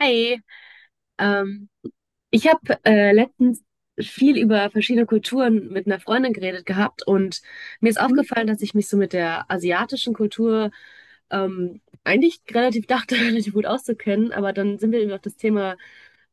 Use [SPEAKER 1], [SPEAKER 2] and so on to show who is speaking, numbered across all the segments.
[SPEAKER 1] Hi, ähm, ich habe letztens viel über verschiedene Kulturen mit einer Freundin geredet gehabt und mir ist
[SPEAKER 2] Mhm.
[SPEAKER 1] aufgefallen, dass ich mich so mit der asiatischen Kultur eigentlich relativ dachte, relativ gut auszukennen, aber dann sind wir eben auf das Thema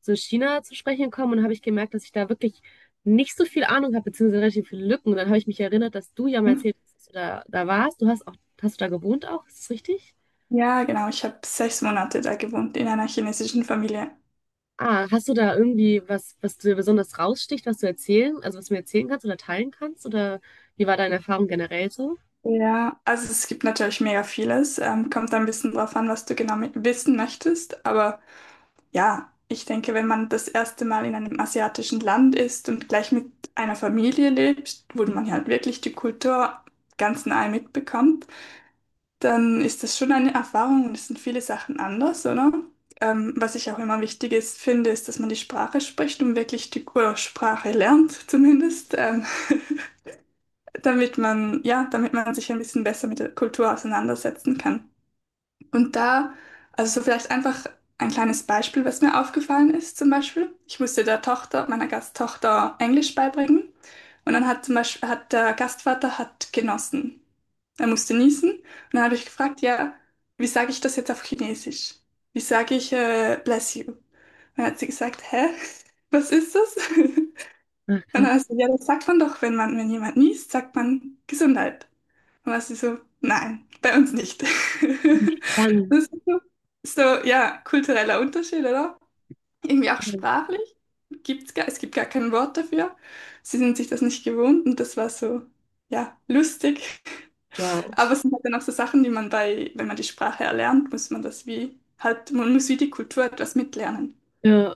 [SPEAKER 1] so China zu sprechen gekommen und habe ich gemerkt, dass ich da wirklich nicht so viel Ahnung habe, beziehungsweise relativ viele Lücken. Und dann habe ich mich erinnert, dass du ja mal erzählt hast, dass du da warst. Hast du da gewohnt auch, ist das richtig?
[SPEAKER 2] Ja, genau. Ich habe sechs Monate da gewohnt in einer chinesischen Familie.
[SPEAKER 1] Ah, hast du da irgendwie was, was dir besonders raussticht, also was du mir erzählen kannst oder teilen kannst? Oder wie war deine Erfahrung generell so?
[SPEAKER 2] Ja, also es gibt natürlich mega vieles. Kommt ein bisschen drauf an, was du genau wissen möchtest. Aber ja, ich denke, wenn man das erste Mal in einem asiatischen Land ist und gleich mit einer Familie lebt, wo man halt wirklich die Kultur ganz nahe mitbekommt, dann ist das schon eine Erfahrung und es sind viele Sachen anders, oder? Was ich auch immer wichtig ist, finde, ist, dass man die Sprache spricht und wirklich die oder Sprache lernt, zumindest, damit man, ja, damit man sich ein bisschen besser mit der Kultur auseinandersetzen kann. Und da, also so vielleicht einfach ein kleines Beispiel, was mir aufgefallen ist, zum Beispiel. Ich musste der Tochter, meiner Gasttochter, Englisch beibringen. Und dann hat zum Beispiel, hat der Gastvater hat genossen. Er musste niesen. Und dann habe ich gefragt, ja, wie sage ich das jetzt auf Chinesisch? Wie sage ich, bless you? Und dann hat sie gesagt, hä? Was ist das?
[SPEAKER 1] Ach,
[SPEAKER 2] Und dann
[SPEAKER 1] krass.
[SPEAKER 2] hat sie, ja, das sagt man doch, wenn man, wenn jemand niest, sagt man Gesundheit. Und dann war sie so, nein, bei uns nicht.
[SPEAKER 1] Spannend.
[SPEAKER 2] Das ist so, so, ja, kultureller Unterschied, oder? Irgendwie auch sprachlich. Gibt's gar, es gibt gar kein Wort dafür. Sie sind sich das nicht gewohnt und das war so, ja, lustig.
[SPEAKER 1] Wow.
[SPEAKER 2] Aber es sind halt dann auch so Sachen, die man bei, wenn man die Sprache erlernt, muss man das wie, halt, man muss wie die Kultur etwas mitlernen.
[SPEAKER 1] Ja.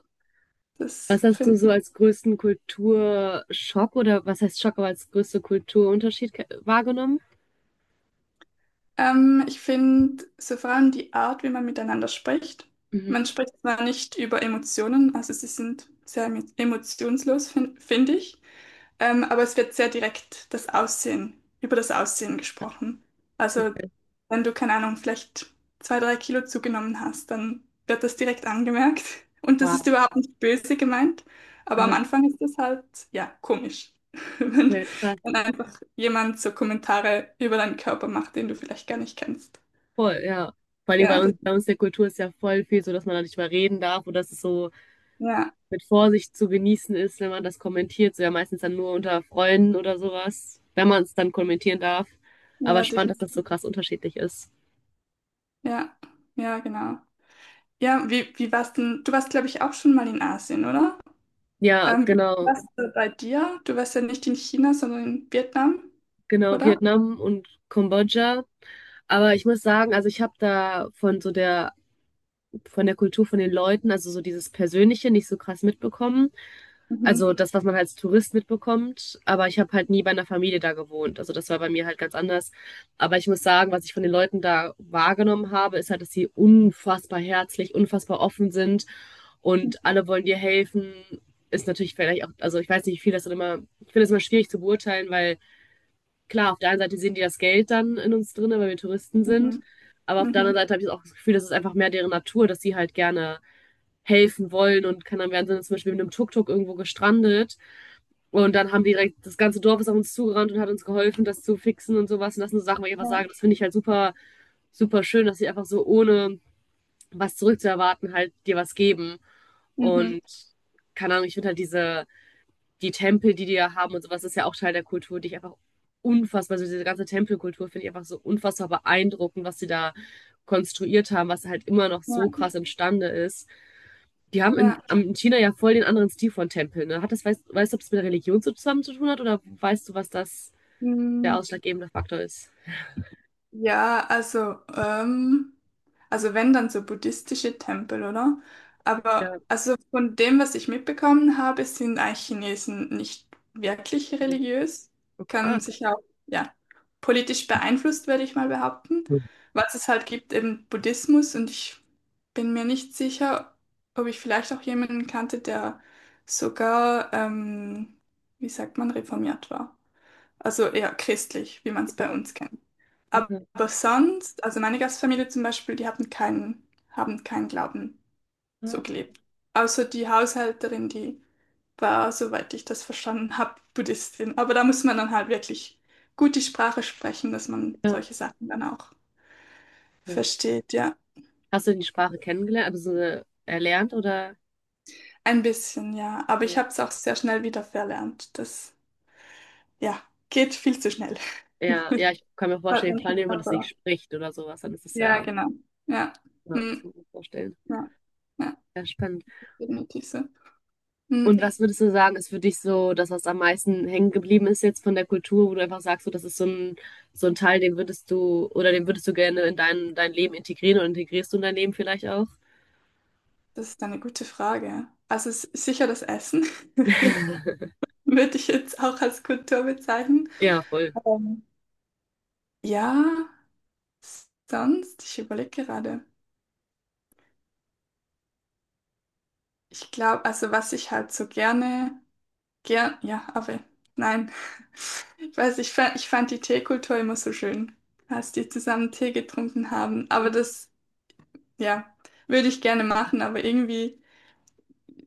[SPEAKER 1] Was
[SPEAKER 2] Das
[SPEAKER 1] hast du
[SPEAKER 2] finde
[SPEAKER 1] so
[SPEAKER 2] ich.
[SPEAKER 1] als größten Kulturschock oder was heißt Schock, aber als größte Kulturunterschied wahrgenommen?
[SPEAKER 2] Ich finde so vor allem die Art, wie man miteinander spricht.
[SPEAKER 1] Mhm.
[SPEAKER 2] Man spricht zwar nicht über Emotionen, also sie sind sehr emotionslos, find ich. Aber es wird sehr direkt das Aussehen, über das Aussehen gesprochen. Also,
[SPEAKER 1] Okay.
[SPEAKER 2] wenn du, keine Ahnung, vielleicht zwei, drei Kilo zugenommen hast, dann wird das direkt angemerkt. Und das ist
[SPEAKER 1] Wow.
[SPEAKER 2] überhaupt nicht böse gemeint, aber am
[SPEAKER 1] Aha.
[SPEAKER 2] Anfang ist das halt, ja, komisch, wenn,
[SPEAKER 1] Okay. Krass.
[SPEAKER 2] wenn einfach jemand so Kommentare über deinen Körper macht, den du vielleicht gar nicht kennst.
[SPEAKER 1] Voll, ja. Vor allem bei
[SPEAKER 2] Genau, das,
[SPEAKER 1] uns, bei uns der Kultur ist ja voll viel so, dass man da nicht mehr reden darf oder dass es so
[SPEAKER 2] ja,
[SPEAKER 1] mit Vorsicht zu genießen ist, wenn man das kommentiert. So ja meistens dann nur unter Freunden oder sowas, wenn man es dann kommentieren darf. Aber
[SPEAKER 2] ja,
[SPEAKER 1] spannend, dass das so
[SPEAKER 2] definitiv.
[SPEAKER 1] krass unterschiedlich ist.
[SPEAKER 2] Ja, ja, genau. Ja, wie, wie warst denn? Du warst, glaube ich, auch schon mal in Asien, oder?
[SPEAKER 1] Ja,
[SPEAKER 2] Wie-
[SPEAKER 1] genau,
[SPEAKER 2] was bei dir? Du warst ja nicht in China, sondern in Vietnam,
[SPEAKER 1] genau,
[SPEAKER 2] oder?
[SPEAKER 1] Vietnam und Kambodscha. Aber ich muss sagen, also ich habe da von der Kultur von den Leuten, also so dieses Persönliche nicht so krass mitbekommen.
[SPEAKER 2] Mhm.
[SPEAKER 1] Also das, was man als Tourist mitbekommt, aber ich habe halt nie bei einer Familie da gewohnt. Also das war bei mir halt ganz anders. Aber ich muss sagen, was ich von den Leuten da wahrgenommen habe, ist halt, dass sie unfassbar herzlich, unfassbar offen sind
[SPEAKER 2] Mhm.
[SPEAKER 1] und alle wollen dir helfen. Ist natürlich vielleicht auch, also ich weiß nicht, wie viel das dann immer, ich finde das immer schwierig zu beurteilen, weil klar, auf der einen Seite sehen die das Geld dann in uns drin, weil wir Touristen sind.
[SPEAKER 2] Mhm.
[SPEAKER 1] Aber auf der anderen
[SPEAKER 2] Mhm.
[SPEAKER 1] Seite habe ich auch das Gefühl, das ist einfach mehr deren Natur, dass sie halt gerne helfen wollen und kann dann werden sie zum Beispiel mit einem Tuk-Tuk irgendwo gestrandet. Und dann haben die direkt, Das ganze Dorf ist auf uns zugerannt und hat uns geholfen, das zu fixen und sowas. Und das sind so Sachen, wo ich einfach
[SPEAKER 2] Ja.
[SPEAKER 1] sage, das finde ich halt super, super schön, dass sie einfach so ohne was zurückzuerwarten halt dir was geben.
[SPEAKER 2] Mhm.
[SPEAKER 1] Und keine Ahnung, ich finde halt die Tempel, die die ja haben und sowas, ist ja auch Teil der Kultur, die ich einfach unfassbar, also diese ganze Tempelkultur finde ich einfach so unfassbar beeindruckend, was sie da konstruiert haben, was halt immer noch
[SPEAKER 2] Ja.
[SPEAKER 1] so krass imstande ist. Die haben in,
[SPEAKER 2] Ja.
[SPEAKER 1] in China ja voll den anderen Stil von Tempeln. Ne? Hat das, weißt du, ob es mit der Religion so zusammen zu tun hat oder weißt du, was das der
[SPEAKER 2] Mhm.
[SPEAKER 1] ausschlaggebende Faktor ist?
[SPEAKER 2] Ja, also wenn dann so buddhistische Tempel, oder?
[SPEAKER 1] Ja,
[SPEAKER 2] Aber also von dem, was ich mitbekommen habe, sind eigentlich Chinesen nicht wirklich religiös.
[SPEAKER 1] okay. Ah,
[SPEAKER 2] Kann sich auch, ja, politisch beeinflusst, würde ich mal behaupten.
[SPEAKER 1] ja,
[SPEAKER 2] Was es halt gibt, eben Buddhismus und ich bin mir nicht sicher, ob ich vielleicht auch jemanden kannte, der sogar, wie sagt man, reformiert war. Also eher christlich, wie man es bei uns kennt. Aber
[SPEAKER 1] okay.
[SPEAKER 2] sonst, also meine Gastfamilie zum Beispiel, die hatten keinen, haben keinen Glauben so
[SPEAKER 1] Ah,
[SPEAKER 2] gelebt. Außer die Haushälterin, die war, soweit ich das verstanden habe, Buddhistin. Aber da muss man dann halt wirklich gut die Sprache sprechen, dass man
[SPEAKER 1] ja,
[SPEAKER 2] solche Sachen dann auch
[SPEAKER 1] okay.
[SPEAKER 2] versteht, ja.
[SPEAKER 1] Hast du die Sprache kennengelernt, also so, erlernt oder?
[SPEAKER 2] Ein bisschen, ja. Aber ich
[SPEAKER 1] Ja.
[SPEAKER 2] habe es auch sehr schnell wieder verlernt. Das, ja, geht viel zu schnell.
[SPEAKER 1] Ja, ja, ich kann mir
[SPEAKER 2] Bald
[SPEAKER 1] vorstellen,
[SPEAKER 2] man
[SPEAKER 1] vor
[SPEAKER 2] sich
[SPEAKER 1] allem, wenn man das nicht
[SPEAKER 2] aber-
[SPEAKER 1] spricht oder sowas, dann ist es
[SPEAKER 2] Ja,
[SPEAKER 1] ja,
[SPEAKER 2] genau. Ja.
[SPEAKER 1] ja, das
[SPEAKER 2] Mm,
[SPEAKER 1] kann ich mir vorstellen.
[SPEAKER 2] ja, ja,
[SPEAKER 1] Ja, spannend.
[SPEAKER 2] definitiv so. Mm.
[SPEAKER 1] Und was würdest du sagen, ist für dich so das, was am meisten hängen geblieben ist jetzt von der Kultur, wo du einfach sagst, so, das ist so ein Teil, den würdest du gerne in dein Leben integrieren oder integrierst du in dein Leben vielleicht auch?
[SPEAKER 2] Das ist eine gute Frage. Also sicher das Essen würde ich jetzt auch als Kultur bezeichnen.
[SPEAKER 1] Ja, voll.
[SPEAKER 2] Ähm, ja, sonst, ich überlege gerade. Ich glaube, also was ich halt so gerne, gern, ja, aber nein. Ich weiß, ich fand die Teekultur immer so schön, als die zusammen Tee getrunken haben. Aber das, ja, würde ich gerne machen, aber irgendwie.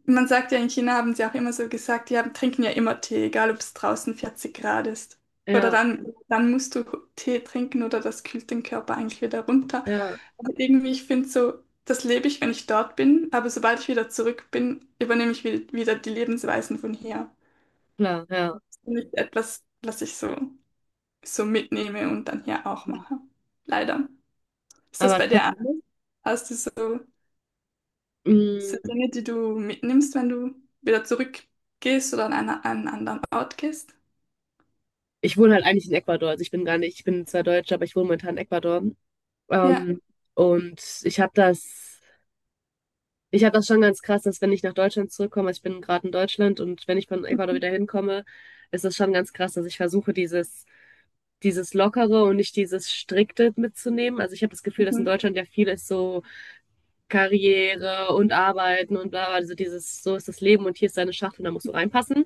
[SPEAKER 2] Man sagt ja, in China haben sie auch immer so gesagt, die haben, trinken ja immer Tee, egal ob es draußen 40 Grad ist. Oder
[SPEAKER 1] Ja,
[SPEAKER 2] dann, dann musst du Tee trinken oder das kühlt den Körper eigentlich wieder runter.
[SPEAKER 1] ja,
[SPEAKER 2] Aber irgendwie, ich finde so, das lebe ich, wenn ich dort bin, aber sobald ich wieder zurück bin, übernehme ich wieder die Lebensweisen von hier.
[SPEAKER 1] klar, ja.
[SPEAKER 2] Das ist nicht etwas, was ich so, so mitnehme und dann hier auch mache. Leider. Ist das
[SPEAKER 1] Aber
[SPEAKER 2] bei
[SPEAKER 1] trotz-
[SPEAKER 2] dir anders? Hast du so. Das sind
[SPEAKER 1] mh,
[SPEAKER 2] Dinge, die du mitnimmst, wenn du wieder zurückgehst oder an, einer, an einen anderen Ort gehst.
[SPEAKER 1] Ich wohne halt eigentlich in Ecuador. Also ich bin gar nicht, ich bin zwar Deutsche, aber ich wohne momentan in Ecuador.
[SPEAKER 2] Ja.
[SPEAKER 1] Ähm, und ich habe das. Ich habe das schon ganz krass, dass wenn ich nach Deutschland zurückkomme, also ich bin gerade in Deutschland und wenn ich von Ecuador
[SPEAKER 2] Mhm.
[SPEAKER 1] wieder hinkomme, ist das schon ganz krass, dass ich versuche, dieses Lockere und nicht dieses Strikte mitzunehmen. Also ich habe das Gefühl, dass in
[SPEAKER 2] Mhm.
[SPEAKER 1] Deutschland ja vieles so Karriere und Arbeiten und bla bla, also dieses, so ist das Leben und hier ist deine Schachtel, und da musst du reinpassen.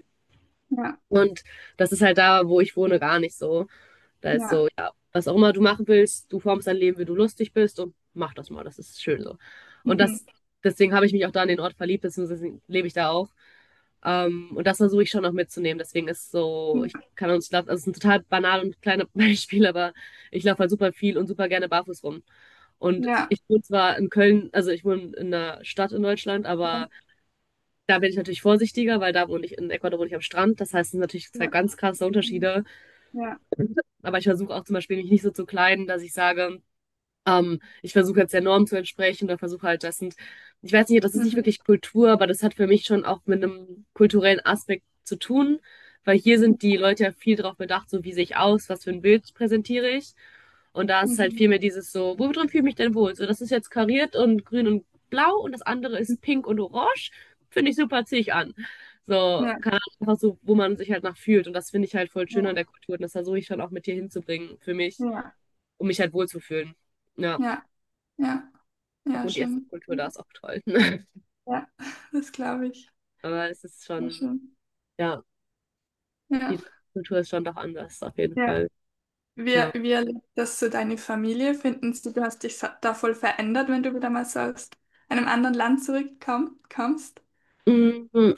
[SPEAKER 2] Ja.
[SPEAKER 1] Und das ist halt da, wo ich wohne, gar nicht so. Da ist
[SPEAKER 2] Ja.
[SPEAKER 1] so, ja, was auch immer du machen willst, du formst dein Leben, wie du lustig bist und mach das mal, das ist schön so. Und
[SPEAKER 2] Mhm.
[SPEAKER 1] das, Deswegen habe ich mich auch da an den Ort verliebt, deswegen lebe ich da auch. Und das versuche ich schon noch mitzunehmen. Deswegen ist so, ich kann uns, glaub, also es ist ein total banal und kleines Beispiel, aber ich laufe halt super viel und super gerne barfuß rum. Und
[SPEAKER 2] Ja.
[SPEAKER 1] ich wohne zwar in Köln, also ich wohne in einer Stadt in Deutschland,
[SPEAKER 2] Ja.
[SPEAKER 1] aber da bin ich natürlich vorsichtiger, weil da wohne ich, in Ecuador wohne ich am Strand. Das heißt, es sind natürlich
[SPEAKER 2] Ja.
[SPEAKER 1] zwei
[SPEAKER 2] Ja.
[SPEAKER 1] ganz krasse
[SPEAKER 2] Mhm.
[SPEAKER 1] Unterschiede.
[SPEAKER 2] Ja.
[SPEAKER 1] Aber ich versuche auch zum Beispiel mich nicht so zu kleiden, dass ich sage, ich versuche jetzt der Norm zu entsprechen oder versuche halt, das sind, ich weiß nicht, das ist nicht
[SPEAKER 2] Mhm.
[SPEAKER 1] wirklich Kultur, aber das hat für mich schon auch mit einem kulturellen Aspekt zu tun, weil hier sind die Leute ja viel darauf bedacht, so wie sehe ich aus, was für ein Bild präsentiere ich. Und da ist halt
[SPEAKER 2] Mhm.
[SPEAKER 1] viel mehr dieses so, wo drin fühle ich mich denn wohl? So, das ist jetzt kariert und grün und blau und das andere ist pink und orange. Finde ich super, ziehe ich an. So,
[SPEAKER 2] Ja.
[SPEAKER 1] keine Ahnung, einfach so, wo man sich halt nach fühlt. Und das finde ich halt voll schön
[SPEAKER 2] Ja.
[SPEAKER 1] an der Kultur. Und das versuche ich schon auch mit dir hinzubringen für mich,
[SPEAKER 2] Ja.
[SPEAKER 1] um mich halt wohlzufühlen. Ja.
[SPEAKER 2] Ja. Ja. Ja.
[SPEAKER 1] Und die
[SPEAKER 2] Schön.
[SPEAKER 1] Essenskultur da ist auch toll.
[SPEAKER 2] Ja. Das glaube ich.
[SPEAKER 1] Aber es ist
[SPEAKER 2] Ja,
[SPEAKER 1] schon,
[SPEAKER 2] schön.
[SPEAKER 1] ja,
[SPEAKER 2] Ja.
[SPEAKER 1] die Kultur ist schon doch anders, auf jeden
[SPEAKER 2] Ja.
[SPEAKER 1] Fall.
[SPEAKER 2] Wie,
[SPEAKER 1] Ja.
[SPEAKER 2] wie erlebt das so deine Familie? Finden sie, du hast dich da voll verändert, wenn du wieder mal so aus einem anderen Land zurückkommst?
[SPEAKER 1] Mm,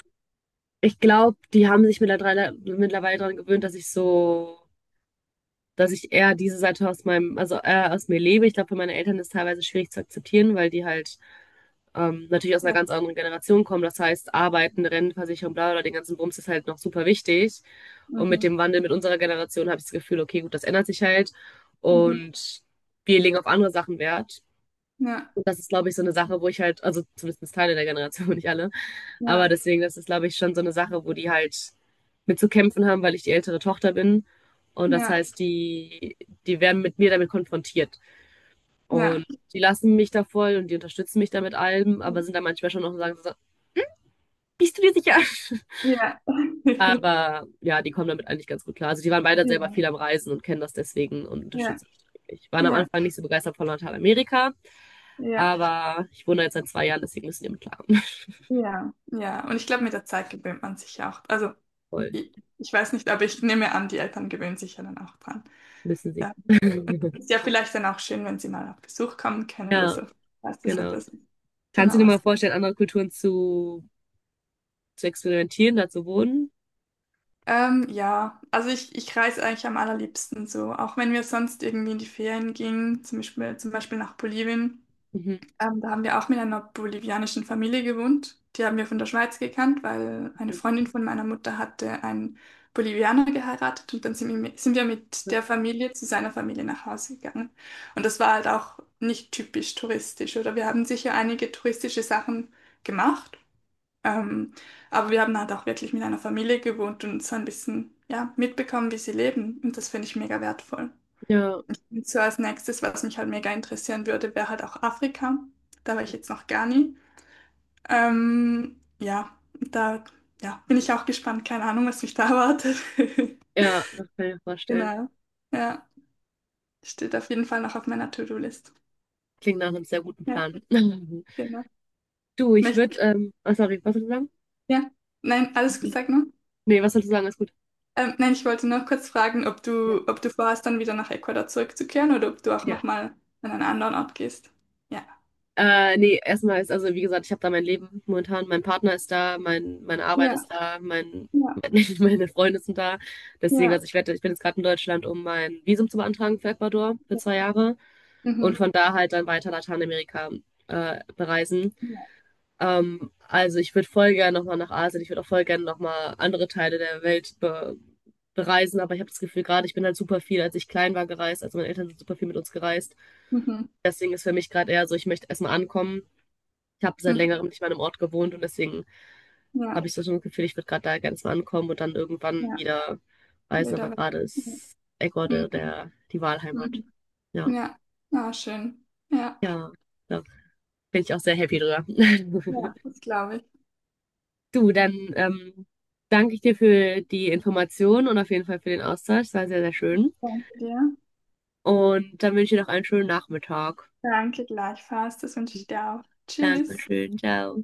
[SPEAKER 1] Ich glaube, die haben sich mittlerweile daran gewöhnt, dass ich eher diese Seite aus meinem, also eher aus mir lebe. Ich glaube, für meine Eltern ist es teilweise schwierig zu akzeptieren, weil die halt natürlich aus einer
[SPEAKER 2] Ja.
[SPEAKER 1] ganz anderen Generation kommen. Das heißt, Arbeiten, Rentenversicherung, bla bla, den ganzen Bums ist halt noch super wichtig. Und mit
[SPEAKER 2] Mhm.
[SPEAKER 1] dem Wandel mit unserer Generation habe ich das Gefühl, okay, gut, das ändert sich halt.
[SPEAKER 2] Mhm.
[SPEAKER 1] Und wir legen auf andere Sachen Wert.
[SPEAKER 2] Ja,
[SPEAKER 1] Und das ist, glaube ich, so eine Sache, wo ich halt, also zumindest Teile der Generation, nicht alle, aber
[SPEAKER 2] ja,
[SPEAKER 1] deswegen, das ist, glaube ich, schon so eine Sache, wo die halt mit zu kämpfen haben, weil ich die ältere Tochter bin. Und das
[SPEAKER 2] ja,
[SPEAKER 1] heißt, die werden mit mir damit konfrontiert.
[SPEAKER 2] ja,
[SPEAKER 1] Und die lassen mich da voll und die unterstützen mich da mit allem, aber sind da manchmal schon noch sagen, so, bist du dir sicher?
[SPEAKER 2] ja.
[SPEAKER 1] Aber ja, die kommen damit eigentlich ganz gut klar. Also die waren beide selber
[SPEAKER 2] Ja,
[SPEAKER 1] viel am Reisen und kennen das deswegen und
[SPEAKER 2] ja,
[SPEAKER 1] unterstützen mich wirklich. Waren am
[SPEAKER 2] ja,
[SPEAKER 1] Anfang nicht so begeistert von Lateinamerika,
[SPEAKER 2] ja,
[SPEAKER 1] aber ich wohne jetzt seit 2 Jahren, deswegen müssen die mit klarkommen.
[SPEAKER 2] ja, ja. Und ich glaube, mit der Zeit gewöhnt man sich ja auch. Also,
[SPEAKER 1] Voll,
[SPEAKER 2] ich, ich weiß nicht, aber ich nehme an, die Eltern gewöhnen sich ja dann auch dran.
[SPEAKER 1] müssen sie.
[SPEAKER 2] Ja. Ist ja vielleicht dann auch schön, wenn sie mal auf Besuch kommen können oder
[SPEAKER 1] Ja,
[SPEAKER 2] so. Weißt du, so
[SPEAKER 1] genau.
[SPEAKER 2] etwas.
[SPEAKER 1] Kannst du
[SPEAKER 2] Genau
[SPEAKER 1] dir mal
[SPEAKER 2] was.
[SPEAKER 1] vorstellen, andere Kulturen zu experimentieren, da zu wohnen?
[SPEAKER 2] Ja, also ich reise eigentlich am allerliebsten so. Auch wenn wir sonst irgendwie in die Ferien gingen, zum Beispiel nach Bolivien.
[SPEAKER 1] Mhm.
[SPEAKER 2] Da haben wir auch mit einer bolivianischen Familie gewohnt. Die haben wir von der Schweiz gekannt, weil eine Freundin von meiner Mutter hatte einen Bolivianer geheiratet und dann sind wir mit der Familie zu seiner Familie nach Hause gegangen. Und das war halt auch nicht typisch touristisch, oder? Wir haben sicher einige touristische Sachen gemacht, ähm, aber wir haben halt auch wirklich mit einer Familie gewohnt und so ein bisschen, ja, mitbekommen, wie sie leben. Und das finde ich mega wertvoll.
[SPEAKER 1] Ja,
[SPEAKER 2] Und so als nächstes, was mich halt mega interessieren würde, wäre halt auch Afrika. Da war ich jetzt noch gar nie. Ja, da ja, bin ich auch gespannt. Keine Ahnung, was mich da erwartet.
[SPEAKER 1] ja, das kann ich mir vorstellen.
[SPEAKER 2] Genau. Ja, steht auf jeden Fall noch auf meiner To-Do-List.
[SPEAKER 1] Klingt nach einem sehr guten
[SPEAKER 2] Ja,
[SPEAKER 1] Plan.
[SPEAKER 2] genau.
[SPEAKER 1] Du, ich
[SPEAKER 2] Möcht
[SPEAKER 1] würde, oh, sorry, was soll ich sagen?
[SPEAKER 2] ja, nein, alles gut, sag nur.
[SPEAKER 1] Nee, was soll ich sagen? Ist gut.
[SPEAKER 2] Nein, ich wollte nur kurz fragen,
[SPEAKER 1] Ja.
[SPEAKER 2] ob du vorhast, dann wieder nach Ecuador zurückzukehren oder ob du auch
[SPEAKER 1] Ja.
[SPEAKER 2] nochmal an einen anderen Ort gehst. Ja.
[SPEAKER 1] Nee, erstmal ist, also wie gesagt, ich habe da mein Leben momentan, mein Partner ist da, meine Arbeit
[SPEAKER 2] Ja,
[SPEAKER 1] ist da,
[SPEAKER 2] ja,
[SPEAKER 1] mein, meine Freunde sind da. Deswegen,
[SPEAKER 2] ja.
[SPEAKER 1] also ich bin jetzt gerade in Deutschland, um mein Visum zu beantragen für Ecuador für
[SPEAKER 2] Ja.
[SPEAKER 1] 2 Jahre und
[SPEAKER 2] Mhm.
[SPEAKER 1] von da halt dann weiter Lateinamerika bereisen.
[SPEAKER 2] Ja.
[SPEAKER 1] Also ich würde voll gerne nochmal nach Asien, ich würde auch voll gerne nochmal andere Teile der Welt be bereisen, aber ich habe das Gefühl, gerade ich bin halt super viel, als ich klein war, gereist, also meine Eltern sind super viel mit uns gereist.
[SPEAKER 2] Mhm.
[SPEAKER 1] Deswegen ist für mich gerade eher so, ich möchte erstmal ankommen. Ich habe seit
[SPEAKER 2] Mhm.
[SPEAKER 1] längerem nicht mehr an einem Ort gewohnt und deswegen
[SPEAKER 2] Ja.
[SPEAKER 1] habe ich so ein Gefühl, ich würde gerade da ganz mal ankommen und dann irgendwann
[SPEAKER 2] Ja,
[SPEAKER 1] wieder reisen.
[SPEAKER 2] wilder
[SPEAKER 1] Aber gerade
[SPEAKER 2] Westen.
[SPEAKER 1] ist
[SPEAKER 2] Ja.
[SPEAKER 1] Ecuador
[SPEAKER 2] Mhm.
[SPEAKER 1] die
[SPEAKER 2] Mhm.
[SPEAKER 1] Wahlheimat. Ja,
[SPEAKER 2] Ja, ah, schön. Ja,
[SPEAKER 1] ja, da bin ich auch sehr happy drüber.
[SPEAKER 2] ja, das glaube ich.
[SPEAKER 1] Du, dann danke ich dir für die Informationen und auf jeden Fall für den Austausch. Es war sehr, sehr schön.
[SPEAKER 2] Danke dir.
[SPEAKER 1] Und dann wünsche ich dir noch einen schönen Nachmittag.
[SPEAKER 2] Danke gleichfalls. Das wünsche ich dir auch. Tschüss.
[SPEAKER 1] Dankeschön, ciao.